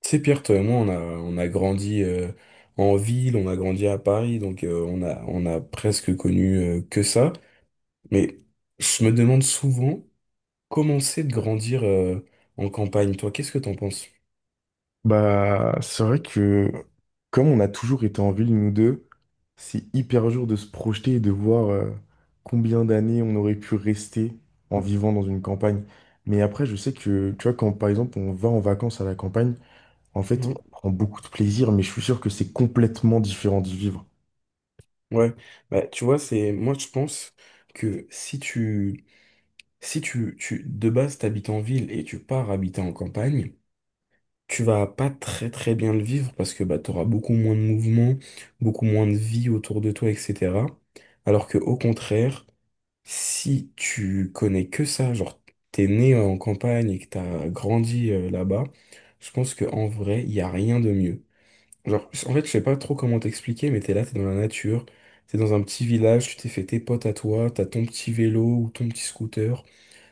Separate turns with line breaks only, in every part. C'est Pierre, toi et moi, on a grandi en ville, on a grandi à Paris, donc on a presque connu que ça. Mais je me demande souvent comment c'est de grandir en campagne. Toi, qu'est-ce que t'en penses?
Bah, c'est vrai que comme on a toujours été en ville, nous deux, c'est hyper dur de se projeter et de voir combien d'années on aurait pu rester en vivant dans une campagne. Mais après, je sais que, tu vois, quand par exemple on va en vacances à la campagne, en fait,
Mhm.
on prend beaucoup de plaisir, mais je suis sûr que c'est complètement différent d'y vivre.
Ouais, bah, tu vois, c'est moi je pense que si tu, de base t'habites en ville et tu pars habiter en campagne, tu vas pas très très bien le vivre parce que bah, tu auras beaucoup moins de mouvement, beaucoup moins de vie autour de toi, etc. Alors que au contraire, si tu connais que ça, genre t'es né en campagne et que t'as grandi là-bas, je pense que en vrai, il y a rien de mieux. Genre, en fait, je sais pas trop comment t'expliquer, mais t'es là, t'es dans la nature, t'es dans un petit village, tu t'es fait tes potes à toi, t'as ton petit vélo ou ton petit scooter.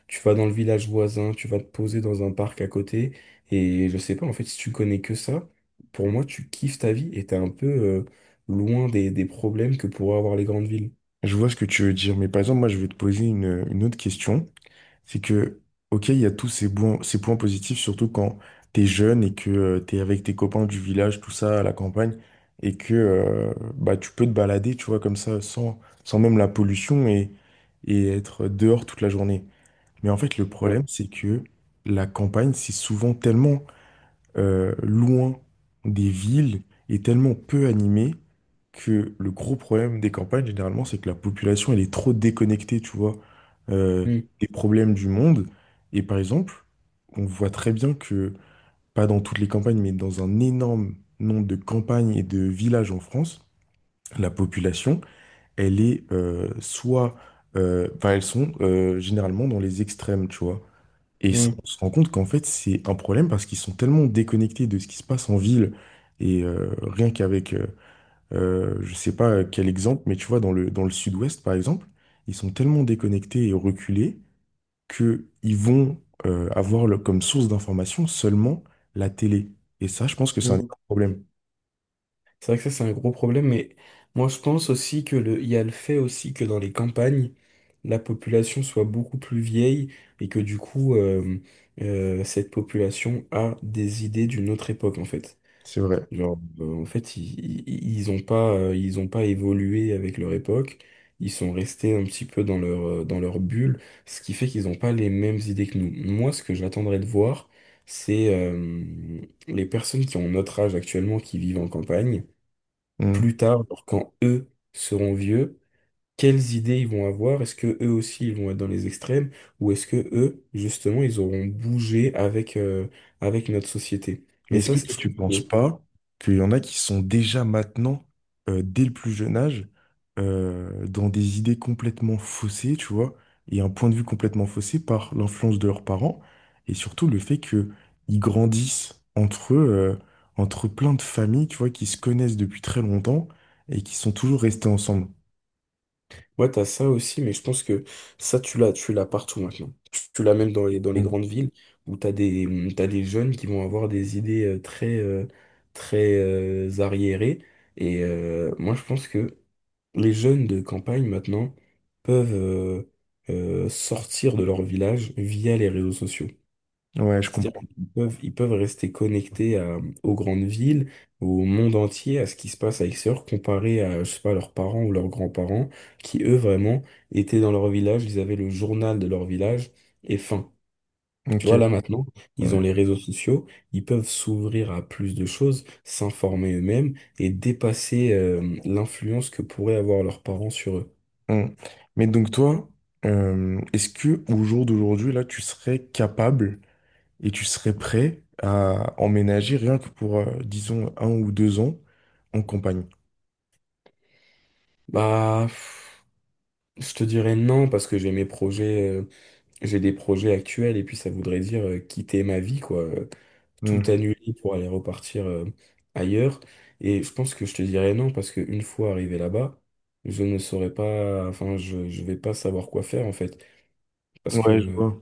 Tu vas dans le village voisin, tu vas te poser dans un parc à côté, et je sais pas, en fait, si tu connais que ça, pour moi, tu kiffes ta vie et t'es un peu loin des problèmes que pourraient avoir les grandes villes.
Je vois ce que tu veux dire, mais par exemple, moi, je vais te poser une autre question. C'est que, ok, il y a tous ces ces points positifs, surtout quand t'es jeune et que tu t'es avec tes copains du village, tout ça, à la campagne, et que bah, tu peux te balader, tu vois, comme ça, sans même la pollution et être dehors toute la journée. Mais en fait, le problème,
Ouais.
c'est que la campagne, c'est souvent tellement loin des villes et tellement peu animée que le gros problème des campagnes, généralement, c'est que la population, elle est trop déconnectée, tu vois, euh,
Mm,
des problèmes du monde. Et par exemple, on voit très bien que, pas dans toutes les campagnes, mais dans un énorme nombre de campagnes et de villages en France, la population, elle est soit... enfin, elles sont généralement dans les extrêmes, tu vois. Et ça,
mm,
on se rend compte qu'en fait, c'est un problème parce qu'ils sont tellement déconnectés de ce qui se passe en ville. Et rien qu'avec, je sais pas quel exemple, mais tu vois, dans le sud-ouest, par exemple, ils sont tellement déconnectés et reculés qu'ils vont avoir comme source d'information seulement la télé. Et ça, je pense que c'est un
mm.
énorme problème.
C'est vrai que ça, c'est un gros problème, mais moi, je pense aussi que le, il y a le fait aussi que dans les campagnes, la population soit beaucoup plus vieille et que du coup, cette population a des idées d'une autre époque, en fait.
C'est vrai.
Genre, en fait, ils ont pas, ils ont pas évolué avec leur époque. Ils sont restés un petit peu dans leur bulle, ce qui fait qu'ils n'ont pas les mêmes idées que nous. Moi, ce que j'attendrais de voir, c'est les personnes qui ont notre âge actuellement, qui vivent en campagne,
Mmh.
plus tard, alors quand eux seront vieux, quelles idées ils vont avoir? Est-ce que eux aussi ils vont être dans les extrêmes? Ou est-ce que eux, justement, ils auront bougé avec, avec notre société? Et
Mais est-ce
ça,
que
c'est-
toi,
je
tu
trouve
penses
que
pas qu'il y en a qui sont déjà maintenant, dès le plus jeune âge, dans des idées complètement faussées, tu vois, et un point de vue complètement faussé par l'influence de leurs parents, et surtout le fait que ils grandissent entre eux, euh, entre plein de familles, tu vois, qui se connaissent depuis très longtemps et qui sont toujours restées ensemble.
Ouais, t'as ça aussi, mais je pense que ça, tu l'as partout maintenant. Tu l'as même dans les
Mm.
grandes villes où t'as des, mmh, t'as des jeunes qui vont avoir des idées très, très arriérées. Et moi, je pense que les jeunes de campagne maintenant peuvent sortir de leur village via les réseaux sociaux.
Ouais, je
C'est-à-dire
comprends.
qu'ils peuvent rester connectés à- aux grandes villes, au monde entier, à ce qui se passe à l'extérieur, comparé à, je sais pas, leurs parents ou leurs grands-parents, qui eux vraiment étaient dans leur village, ils avaient le journal de leur village et fin. Tu
Ok,
vois, là maintenant, ils
ouais.
ont les réseaux sociaux, ils peuvent s'ouvrir à plus de choses, s'informer eux-mêmes et dépasser, l'influence que pourraient avoir leurs parents sur eux.
Mm. Mais donc toi, est-ce que au jour d'aujourd'hui, là, tu serais capable et tu serais prêt à emménager rien que pour, disons, un ou deux ans en campagne.
Bah, pff, je te dirais non parce que j'ai mes projets. J'ai des projets actuels et puis ça voudrait dire quitter ma vie, quoi. Tout
Hmm.
annuler pour aller repartir ailleurs. Et je pense que je te dirais non parce qu'une fois arrivé là-bas, je ne saurais pas, enfin, je vais pas savoir quoi faire en fait. Parce
Ouais, je
que
vois.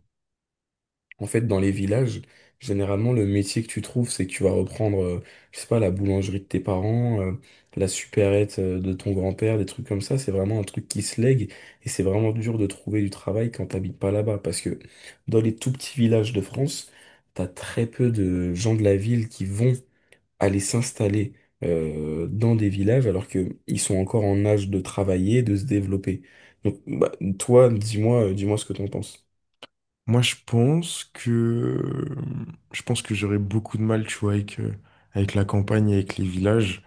en fait, dans les villages, généralement, le métier que tu trouves, c'est que tu vas reprendre, je sais pas, la boulangerie de tes parents, la supérette de ton grand-père, des trucs comme ça. C'est vraiment un truc qui se lègue et c'est vraiment dur de trouver du travail quand t'habites pas là-bas. Parce que dans les tout petits villages de France, t'as très peu de gens de la ville qui vont aller s'installer dans des villages alors que ils sont encore en âge de travailler, de se développer. Donc, bah, toi, dis-moi, dis-moi ce que t'en penses.
Moi, je pense que j'aurais beaucoup de mal, tu vois, avec, avec la campagne, avec les villages.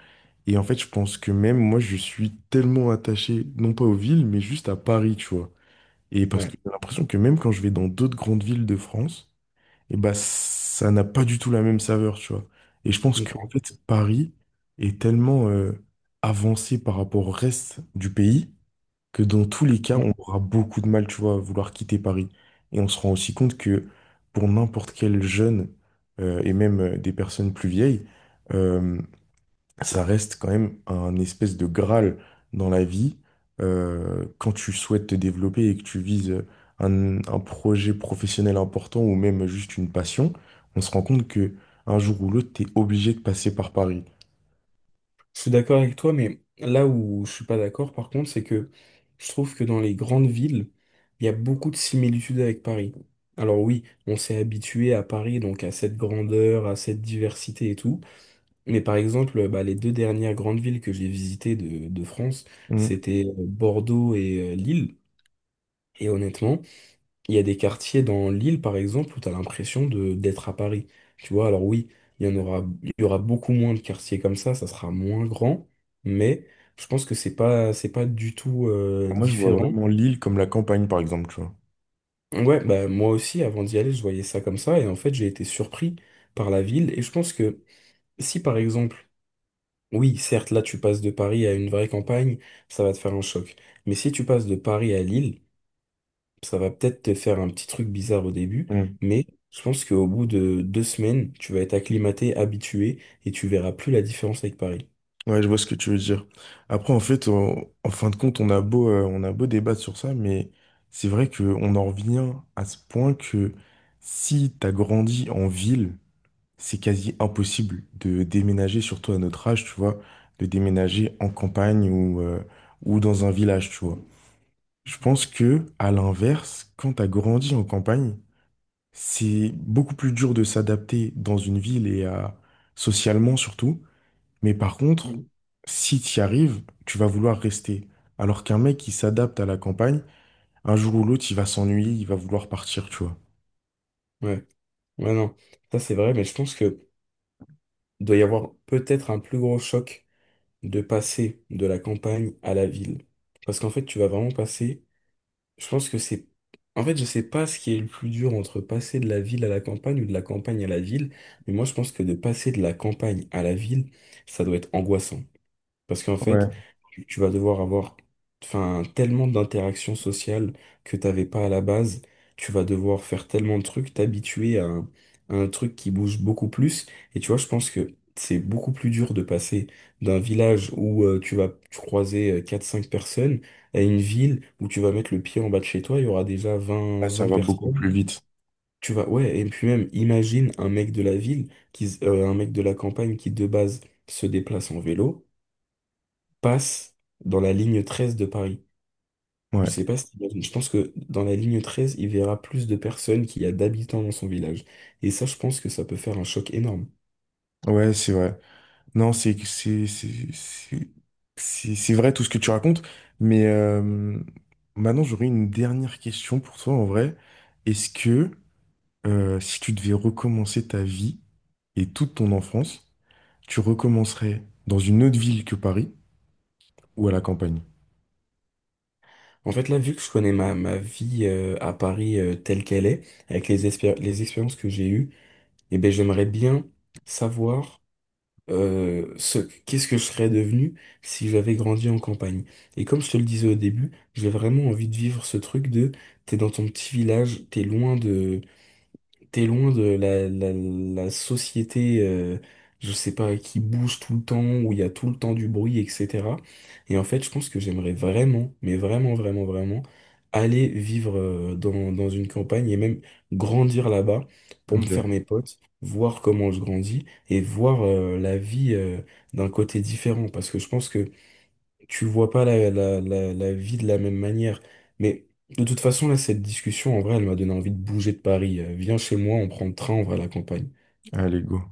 Et en fait, je pense que même moi, je suis tellement attaché, non pas aux villes, mais juste à Paris, tu vois. Et parce
Ouais.
que j'ai l'impression que même quand je vais dans d'autres grandes villes de France, et bah ça n'a pas du tout la même saveur, tu vois. Et je pense
Ok.
qu'en fait, Paris est tellement avancé par rapport au reste du pays que dans tous les cas, on aura beaucoup de mal, tu vois, à vouloir quitter Paris. Et on se rend aussi compte que pour n'importe quel jeune et même des personnes plus vieilles, ça reste quand même un espèce de graal dans la vie. Euh, quand tu souhaites te développer et que tu vises un projet professionnel important ou même juste une passion, on se rend compte que un jour ou l'autre, tu es obligé de passer par Paris.
Je suis d'accord avec toi, mais là où je suis pas d'accord, par contre, c'est que je trouve que dans les grandes villes, il y a beaucoup de similitudes avec Paris. Alors oui, on s'est habitué à Paris, donc à cette grandeur, à cette diversité et tout. Mais par exemple, bah, les deux dernières grandes villes que j'ai visitées de France,
Mm.
c'était Bordeaux et Lille. Et honnêtement, il y a des quartiers dans l'île, par exemple, où tu as l'impression de d'être à Paris. Tu vois, alors oui, il y en aura, il y aura beaucoup moins de quartiers comme ça sera moins grand, mais je pense que c'est pas du tout
Moi, je vois
différent.
vraiment l'île comme la campagne, par exemple, tu vois.
Ouais, bah moi aussi, avant d'y aller, je voyais ça comme ça, et en fait, j'ai été surpris par la ville, et je pense que si, par exemple, oui, certes, là, tu passes de Paris à une vraie campagne, ça va te faire un choc, mais si tu passes de Paris à Lille, ça va peut-être te faire un petit truc bizarre au début,
Mm.
mais je pense qu'au bout de deux semaines, tu vas être acclimaté, habitué, et tu verras plus la différence avec Paris.
Ouais, je vois ce que tu veux dire. Après, en fait, en fin de compte, on a beau débattre sur ça, mais c'est vrai qu'on en revient à ce point que si tu as grandi en ville, c'est quasi impossible de déménager, surtout à notre âge, tu vois, de déménager en campagne ou dans un village, tu vois. Je pense que, à l'inverse, quand t'as grandi en campagne, c'est beaucoup plus dur de s'adapter dans une ville et à, socialement surtout. Mais par contre,
Mm.
si t'y arrives, tu vas vouloir rester. Alors qu'un mec qui s'adapte à la campagne, un jour ou l'autre, il va s'ennuyer, il va vouloir partir, tu vois.
Ouais, ouais, non, ça c'est vrai, mais je pense que doit y avoir peut-être un plus gros choc de passer de la campagne à la ville. Parce qu'en fait, tu vas vraiment passer. Je pense que c'est. En fait, je sais pas ce qui est le plus dur entre passer de la ville à la campagne ou de la campagne à la ville, mais moi je pense que de passer de la campagne à la ville, ça doit être angoissant. Parce qu'en fait,
Ouais.
tu vas devoir avoir enfin, tellement d'interactions sociales que t'avais pas à la base. Tu vas devoir faire tellement de trucs, t'habituer à un truc qui bouge beaucoup plus. Et tu vois, je pense que c'est beaucoup plus dur de passer d'un village où tu vas croiser quatre cinq personnes à une ville où tu vas mettre le pied en bas de chez toi, il y aura déjà vingt
Là, ça
vingt
va beaucoup
personnes.
plus vite.
Tu vas, ouais, et puis même, imagine un mec de la campagne qui de base se déplace en vélo passe dans la ligne 13 de Paris. Je
Ouais,
sais pas si t'imagines. Je pense que dans la ligne 13, il verra plus de personnes qu'il y a d'habitants dans son village. Et ça, je pense que ça peut faire un choc énorme.
ouais, c'est vrai. Non, c'est vrai tout ce que tu racontes, mais maintenant j'aurais une dernière question pour toi en vrai. Est-ce que si tu devais recommencer ta vie et toute ton enfance, tu recommencerais dans une autre ville que Paris ou à la campagne?
En fait, là, vu que je connais ma vie à Paris telle qu'elle est, avec les, espé- les expériences que j'ai eues, eh ben, j'aimerais bien savoir euh, ce, qu'est-ce que je serais devenu si j'avais grandi en campagne. Et comme je te le disais au début, j'ai vraiment envie de vivre ce truc de t'es dans ton petit village, T'es loin de la société, je sais pas, qui bouge tout le temps, où il y a tout le temps du bruit, etc. Et en fait, je pense que j'aimerais vraiment, mais vraiment, vraiment, vraiment, aller vivre dans une campagne et même grandir là-bas pour me
Ok.
faire mes potes, voir comment je grandis et voir la vie d'un côté différent. Parce que je pense que tu le vois pas la vie de la même manière. Mais de toute façon, là, cette discussion, en vrai, elle m'a donné envie de bouger de Paris. Viens chez moi, on prend le train, on va à la campagne.
Allez, go.